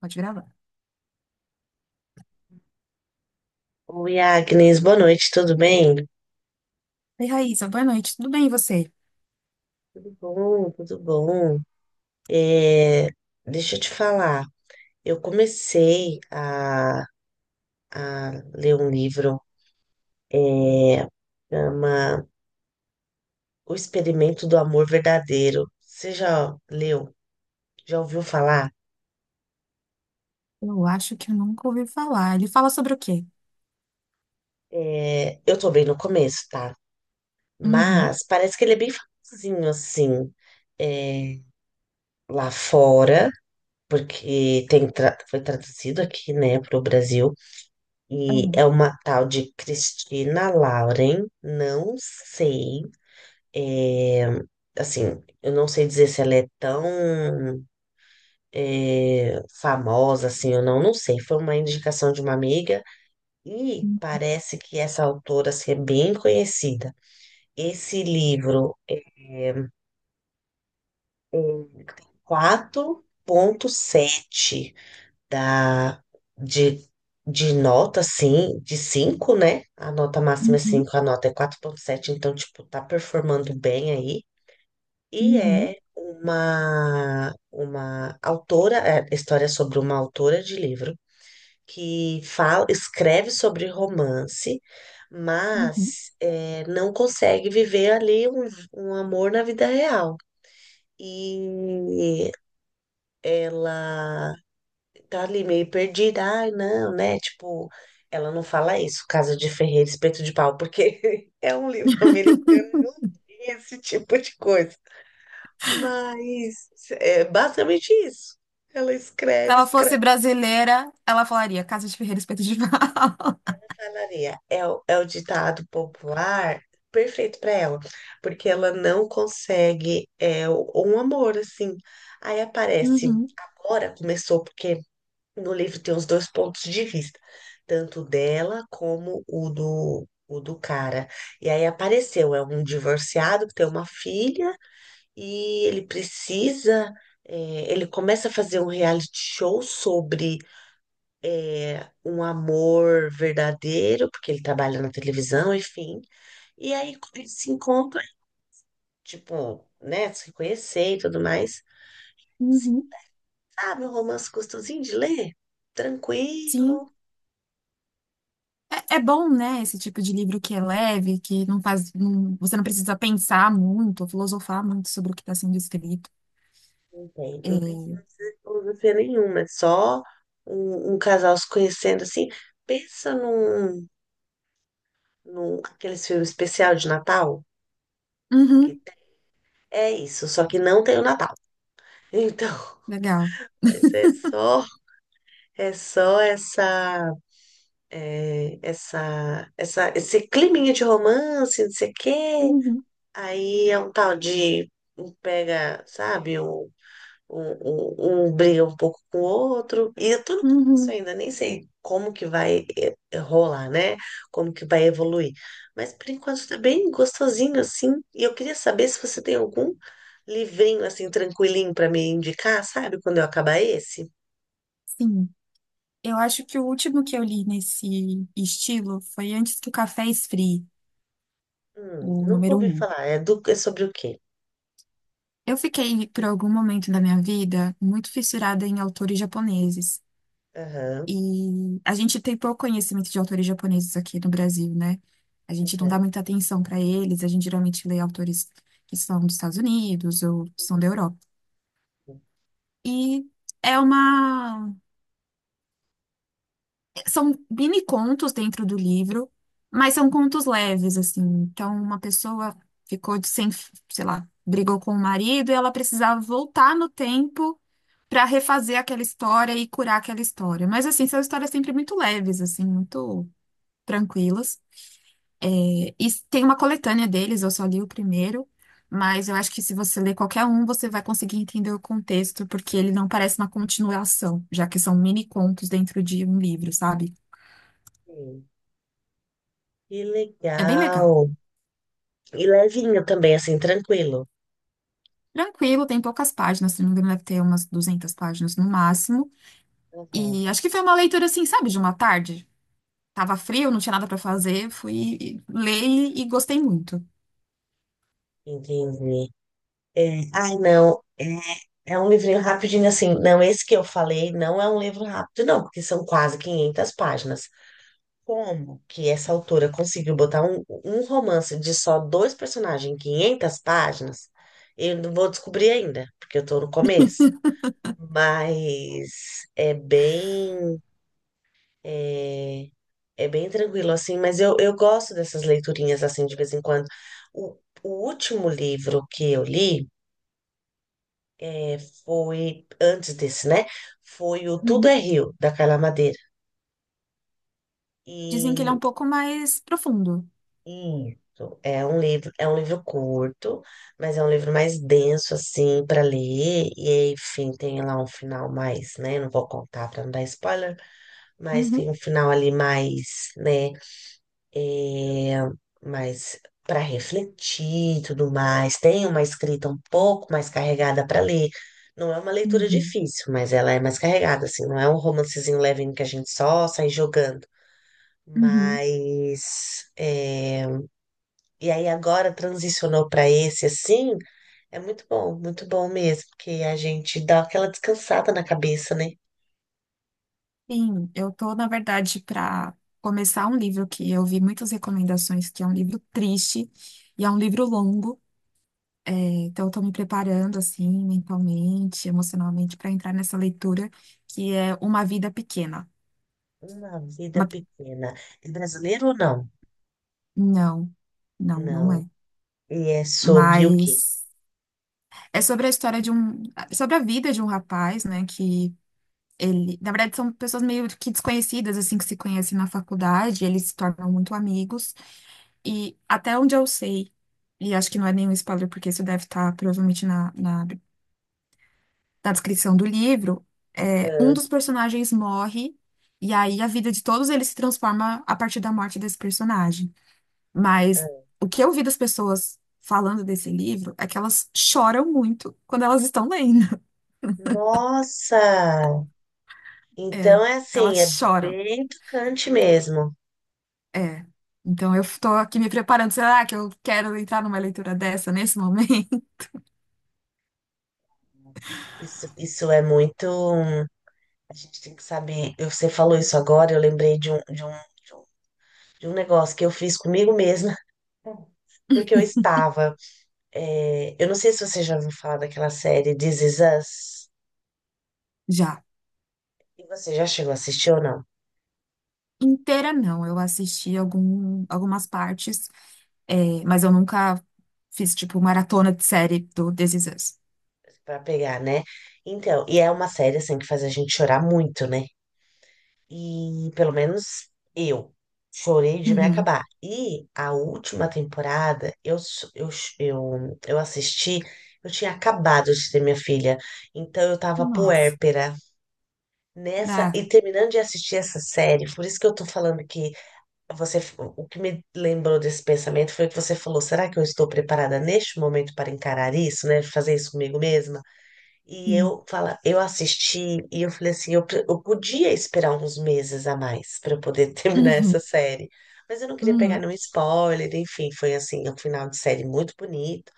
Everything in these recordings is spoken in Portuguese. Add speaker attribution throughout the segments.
Speaker 1: Pode gravar.
Speaker 2: Oi, Agnes, boa noite, tudo bem?
Speaker 1: Oi, Raíssa, boa noite. Tudo bem, e você?
Speaker 2: Tudo bom, tudo bom. É, deixa eu te falar, eu comecei a ler um livro. É, chama O Experimento do Amor Verdadeiro. Você já leu? Já ouviu falar?
Speaker 1: Eu acho que eu nunca ouvi falar. Ele fala sobre o quê?
Speaker 2: Eu tô bem no começo, tá?
Speaker 1: Uhum,
Speaker 2: Mas parece que ele é bem famosinho, assim, é, lá fora, porque foi traduzido aqui, né, pro Brasil. E é
Speaker 1: uhum,
Speaker 2: uma tal de Cristina Lauren, não sei. é, assim, eu não sei dizer se ela é tão famosa assim ou não, não sei. Foi uma indicação de uma amiga e
Speaker 1: uhum,
Speaker 2: parece que essa autora assim, é bem conhecida. Esse livro é 4.7 da, de, de nota, assim, de cinco, né? A nota máxima é
Speaker 1: uhum,
Speaker 2: cinco, a nota é 4,7, então, tipo, tá performando bem aí. E
Speaker 1: uhum,
Speaker 2: é uma autora, é história sobre uma autora de livro que fala, escreve sobre romance,
Speaker 1: uhum.
Speaker 2: mas não consegue viver ali um amor na vida real. E ela tá ali meio perdida. Ai, não, né? Tipo, ela não fala isso, Casa de ferreiro Espeto de Pau, porque é um livro americano, não tem esse tipo de coisa. Mas é basicamente isso. Ela
Speaker 1: Se
Speaker 2: escreve,
Speaker 1: ela
Speaker 2: escreve,
Speaker 1: fosse brasileira, ela falaria Casa de Ferreiro Espeto de Pau.
Speaker 2: falaria. É o ditado popular perfeito para ela, porque ela não consegue um amor assim. Aí aparece.
Speaker 1: Uhum,
Speaker 2: Agora começou, porque no livro tem os dois pontos de vista, tanto dela como o do cara. E aí apareceu, é um divorciado que tem uma filha e ele precisa, ele começa a fazer um reality show sobre um amor verdadeiro, porque ele trabalha na televisão, enfim. E aí eles se encontram, tipo, né, se conhecer e tudo mais.
Speaker 1: uhum,
Speaker 2: Sabe, um romance gostosinho de ler? Tranquilo.
Speaker 1: sim. É bom, né? Esse tipo de livro que é leve, que não faz, você não precisa pensar muito, ou filosofar muito sobre o que está sendo escrito.
Speaker 2: Não tem
Speaker 1: É,
Speaker 2: filosofia nenhuma, é só um casal se conhecendo assim. Pensa num aqueles filmes especial de Natal que
Speaker 1: uhum,
Speaker 2: tem. É isso, só que não tem o Natal. Então,
Speaker 1: legal.
Speaker 2: mas é só essa, é, essa, esse climinha de romance, não sei o quê.
Speaker 1: Uhum,
Speaker 2: Aí é um tal de um pega, sabe? Briga um pouco com o outro, e eu tô no começo
Speaker 1: uhum,
Speaker 2: ainda, nem sei como que vai rolar, né? Como que vai evoluir. Mas por enquanto tá bem gostosinho assim, e eu queria saber se você tem algum livrinho assim, tranquilinho pra me indicar, sabe? Quando eu acabar esse.
Speaker 1: sim. Eu acho que o último que eu li nesse estilo foi Antes que o Café Esfrie, o
Speaker 2: Nunca
Speaker 1: número
Speaker 2: ouvi
Speaker 1: um.
Speaker 2: falar, é sobre o quê?
Speaker 1: Eu fiquei, por algum momento da minha vida, muito fissurada em autores japoneses.
Speaker 2: Aham,
Speaker 1: E a gente tem pouco conhecimento de autores japoneses aqui no Brasil, né? A gente não
Speaker 2: aham.
Speaker 1: dá muita atenção para eles, a gente geralmente lê autores que são dos Estados Unidos ou são da Europa. E é uma são mini contos dentro do livro, mas são contos leves, assim. Então, uma pessoa ficou de sem, sei lá, brigou com o marido e ela precisava voltar no tempo para refazer aquela história e curar aquela história. Mas, assim, são histórias sempre muito leves, assim, muito tranquilas. E tem uma coletânea deles, eu só li o primeiro, mas eu acho que se você ler qualquer um, você vai conseguir entender o contexto, porque ele não parece uma continuação, já que são mini contos dentro de um livro, sabe?
Speaker 2: Sim. Que
Speaker 1: É bem legal.
Speaker 2: legal! E levinho também, assim, tranquilo.
Speaker 1: Tranquilo, tem poucas páginas, se não me engano, deve ter umas 200 páginas no máximo.
Speaker 2: Uhum.
Speaker 1: E acho que foi uma leitura assim, sabe, de uma tarde. Tava frio, não tinha nada pra fazer, fui ler e gostei muito.
Speaker 2: Entendi. É, ai, não. É um livrinho rapidinho, assim. Não, esse que eu falei não é um livro rápido, não, porque são quase 500 páginas. Como que essa autora conseguiu botar um romance de só dois personagens em 500 páginas? Eu não vou descobrir ainda, porque eu tô no começo. Mas é bem. É, É bem tranquilo, assim, mas eu gosto dessas leiturinhas, assim, de vez em quando. O, o último livro que eu li, é, foi, antes desse, né? Foi o Tudo
Speaker 1: Uhum.
Speaker 2: é Rio, da Carla Madeira.
Speaker 1: Dizem que ele é um
Speaker 2: E,
Speaker 1: pouco mais profundo.
Speaker 2: e isso, é um livro curto, mas é um livro mais denso, assim, para ler. E, enfim, tem lá um final mais, né? Não vou contar para não dar spoiler, mas tem
Speaker 1: Uhum,
Speaker 2: um final ali mais, né? é, mas para refletir e tudo mais. Tem uma escrita um pouco mais carregada para ler. Não é uma leitura
Speaker 1: uhum,
Speaker 2: difícil, mas ela é mais carregada, assim. Não é um romancezinho levinho que a gente só sai jogando.
Speaker 1: uhum.
Speaker 2: Mas. E aí agora transicionou para esse, assim. É muito bom mesmo, porque a gente dá aquela descansada na cabeça, né?
Speaker 1: Sim, eu tô, na verdade, para começar um livro que eu vi muitas recomendações, que é um livro triste e é um livro longo. É, então, estou me preparando assim, mentalmente, emocionalmente, para entrar nessa leitura que é Uma Vida Pequena.
Speaker 2: Uma vida
Speaker 1: Uma-
Speaker 2: pequena. É brasileiro ou não?
Speaker 1: Não, não, não
Speaker 2: Não.
Speaker 1: é.
Speaker 2: E é sobre o quê?
Speaker 1: Mas é sobre a história de um, sobre a vida de um rapaz, né? Que ele, na verdade, são pessoas meio que desconhecidas, assim, que se conhecem na faculdade, eles se tornam muito amigos. E até onde eu sei, e acho que não é nenhum spoiler, porque isso deve estar provavelmente na, na da descrição do livro, um
Speaker 2: Ah,
Speaker 1: dos personagens morre e aí a vida de todos eles se transforma a partir da morte desse personagem. Mas
Speaker 2: ah.
Speaker 1: o que eu vi das pessoas falando desse livro é que elas choram muito quando elas estão lendo.
Speaker 2: Nossa!
Speaker 1: É,
Speaker 2: Então é
Speaker 1: elas
Speaker 2: assim, é
Speaker 1: choram.
Speaker 2: bem tocante mesmo.
Speaker 1: É. Então eu tô aqui me preparando. Será que eu quero entrar numa leitura dessa nesse momento?
Speaker 2: Isso é muito. A gente tem que saber. Você falou isso agora, eu lembrei de um, de um negócio que eu fiz comigo mesma, porque eu estava. Eu não sei se você já ouviu falar daquela série This Is Us.
Speaker 1: Já.
Speaker 2: E você já chegou a assistir ou não?
Speaker 1: Inteira não, eu assisti algumas partes, mas eu nunca fiz tipo maratona de série do This Is Us.
Speaker 2: Pra pegar, né? Então, e é uma série assim que faz a gente chorar muito, né? E pelo menos eu chorei de me
Speaker 1: Uhum.
Speaker 2: acabar. E a última temporada eu, s- eu, ch- eu assisti, eu tinha acabado de ter minha filha, então eu tava
Speaker 1: Nossa.
Speaker 2: puérpera nessa
Speaker 1: Ah,
Speaker 2: e terminando de assistir essa série. Por isso que eu tô falando o que me lembrou desse pensamento foi que você falou: será que eu estou preparada neste momento para encarar isso, né? Fazer isso comigo mesma? E
Speaker 1: sim.
Speaker 2: eu assisti e eu falei assim, eu podia esperar uns meses a mais para eu poder terminar essa
Speaker 1: Uhum.
Speaker 2: série. Mas eu não queria pegar
Speaker 1: Uhum.
Speaker 2: nenhum spoiler, enfim, foi assim, um final de série muito bonito.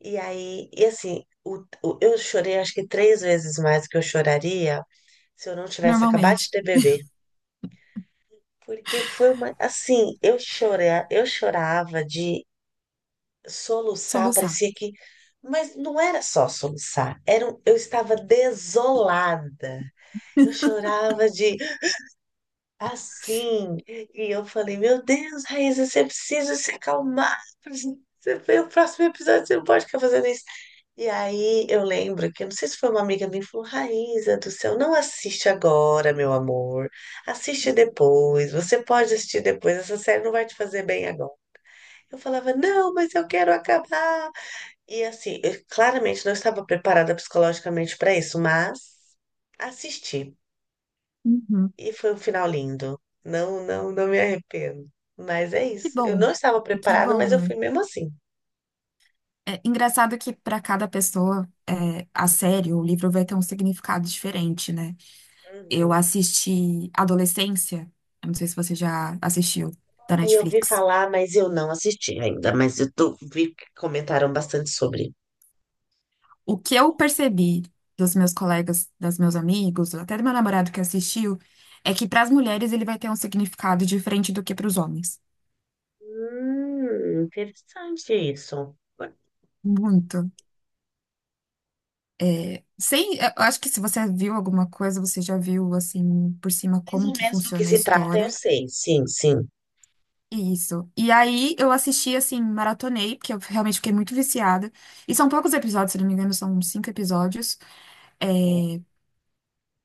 Speaker 2: E aí, e assim, eu chorei acho que três vezes mais do que eu choraria se eu não tivesse acabado de
Speaker 1: Normalmente,
Speaker 2: ter bebê. Porque foi uma, assim, eu chorei, eu chorava de soluçar,
Speaker 1: soluçar.
Speaker 2: parecia que, mas não era só soluçar, era, eu estava desolada. Eu chorava de assim. E eu falei, meu Deus, Raíssa, você precisa se acalmar. Você vê o próximo episódio, você não pode ficar fazendo isso. E aí eu lembro que, eu não sei se foi uma amiga minha, que falou, Raíssa do céu, não assiste agora, meu amor. Assiste depois. Você pode assistir depois. Essa série não vai te fazer bem agora. Eu falava, não, mas eu quero acabar. E assim, eu claramente não estava preparada psicologicamente para isso, mas assisti.
Speaker 1: Uhum.
Speaker 2: E foi um final lindo. Não, não, não me arrependo. Mas é
Speaker 1: Que
Speaker 2: isso. Eu não
Speaker 1: bom.
Speaker 2: estava
Speaker 1: Que
Speaker 2: preparada,
Speaker 1: bom,
Speaker 2: mas eu
Speaker 1: né?
Speaker 2: fui mesmo assim.
Speaker 1: É engraçado que para cada pessoa, a série, o livro vai ter um significado diferente, né? Eu
Speaker 2: Uhum.
Speaker 1: assisti Adolescência, eu não sei se você já assistiu, da
Speaker 2: Aí, eu vi
Speaker 1: Netflix.
Speaker 2: falar, mas eu não assisti ainda. Mas eu tô, vi que comentaram bastante sobre.
Speaker 1: O que eu percebi dos meus colegas, dos meus amigos, até do meu namorado que assistiu, é que para as mulheres ele vai ter um significado diferente do que para os homens.
Speaker 2: Interessante isso.
Speaker 1: Muito. É, Sem, eu acho que se você viu alguma coisa, você já viu assim por cima
Speaker 2: Mais
Speaker 1: como
Speaker 2: ou
Speaker 1: que
Speaker 2: menos do que
Speaker 1: funciona a
Speaker 2: se trata, eu
Speaker 1: história.
Speaker 2: sei. Sim, sim.
Speaker 1: Isso. E aí eu assisti assim, maratonei, porque eu realmente fiquei muito viciada. E são poucos episódios, se não me engano, são cinco episódios. É,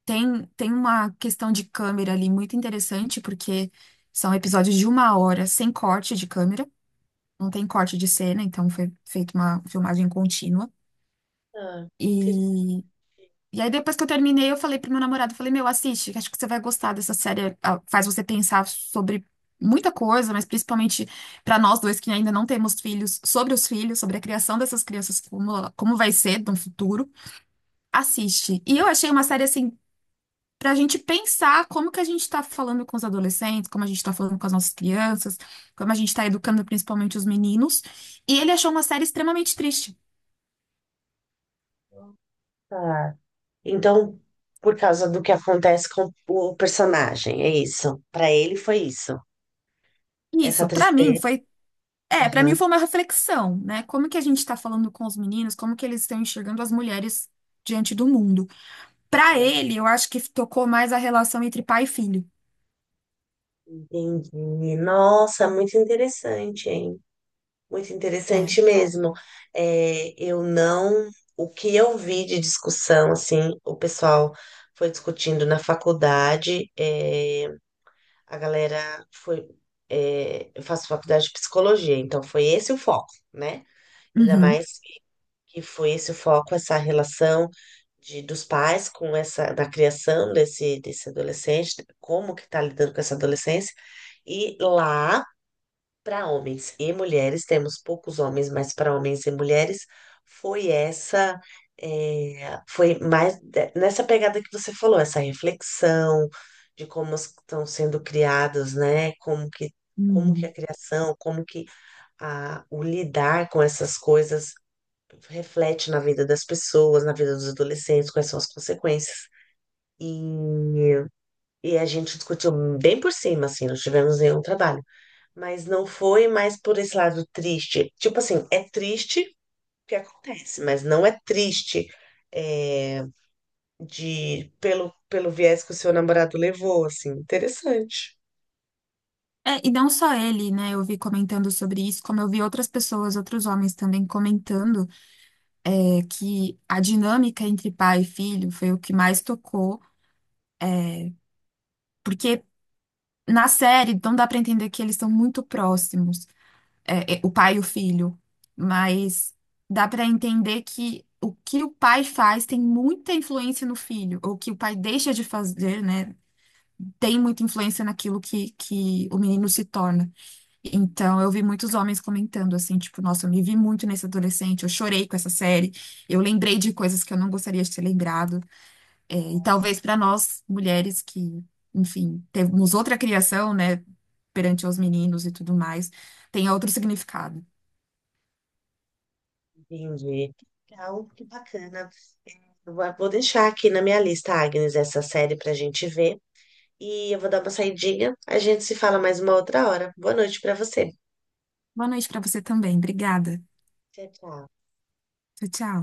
Speaker 1: tem uma questão de câmera ali muito interessante, porque são episódios de uma hora sem corte de câmera, não tem corte de cena, então foi feita uma filmagem contínua.
Speaker 2: Ah, interessante.
Speaker 1: e E aí, depois que eu terminei, eu falei pro meu namorado, eu falei, meu, assiste, que acho que você vai gostar dessa série. Ah, faz você pensar sobre muita coisa, mas principalmente para nós dois que ainda não temos filhos, sobre os filhos, sobre a criação dessas crianças, como vai ser no futuro. Assiste. E eu achei uma série assim. Pra gente pensar como que a gente tá falando com os adolescentes, como a gente tá falando com as nossas crianças, como a gente tá educando principalmente os meninos. E ele achou uma série extremamente triste.
Speaker 2: Ah. Então, por causa do que acontece com o personagem, é isso. Pra ele foi isso.
Speaker 1: E
Speaker 2: Essa
Speaker 1: Isso, pra mim,
Speaker 2: tristeza.
Speaker 1: foi É, para mim
Speaker 2: Aham.
Speaker 1: foi uma reflexão, né? Como que a gente está falando com os meninos, como que eles estão enxergando as mulheres diante do mundo. Para ele, eu acho que tocou mais a relação entre pai e filho.
Speaker 2: Entendi. Nossa, muito interessante, hein? Muito interessante
Speaker 1: É.
Speaker 2: mesmo. É, eu não. O que eu vi de discussão, assim, o pessoal foi discutindo na faculdade, a galera foi. Eu faço faculdade de psicologia, então foi esse o foco, né? Ainda
Speaker 1: Uhum.
Speaker 2: mais que foi esse foco, essa relação dos pais com da criação desse adolescente, como que está lidando com essa adolescência. E lá, para homens e mulheres, temos poucos homens, mas para homens e mulheres, foi essa, foi nessa pegada que você falou, essa reflexão de como estão sendo criados, né? Como que a
Speaker 1: Uhum.
Speaker 2: criação, como que a, o lidar com essas coisas reflete na vida das pessoas, na vida dos adolescentes, quais são as consequências. E, a gente discutiu bem por cima, assim, não tivemos nenhum trabalho. Mas não foi mais por esse lado triste. Tipo assim, é triste que acontece, mas não é triste é, de pelo viés que o seu namorado levou, assim. Interessante.
Speaker 1: É, e não só ele, né? Eu vi comentando sobre isso, como eu vi outras pessoas, outros homens também comentando, que a dinâmica entre pai e filho foi o que mais tocou, porque na série não dá para entender que eles estão muito próximos. O pai e o filho, mas dá para entender que o pai faz tem muita influência no filho, ou o que o pai deixa de fazer, né, tem muita influência naquilo que o menino se torna. Então, eu vi muitos homens comentando assim, tipo, nossa, eu me vi muito nesse adolescente, eu chorei com essa série, eu lembrei de coisas que eu não gostaria de ter lembrado, e talvez para nós, mulheres que, enfim, temos outra criação, né, perante os meninos e tudo mais, tenha outro significado.
Speaker 2: Entendi. Legal, que bacana. Eu vou deixar aqui na minha lista, Agnes, essa série pra gente ver. E eu vou dar uma saidinha. A gente se fala mais uma outra hora. Boa noite pra você.
Speaker 1: Boa noite para você também. Obrigada.
Speaker 2: Tchau, tchau.
Speaker 1: Tchau, tchau.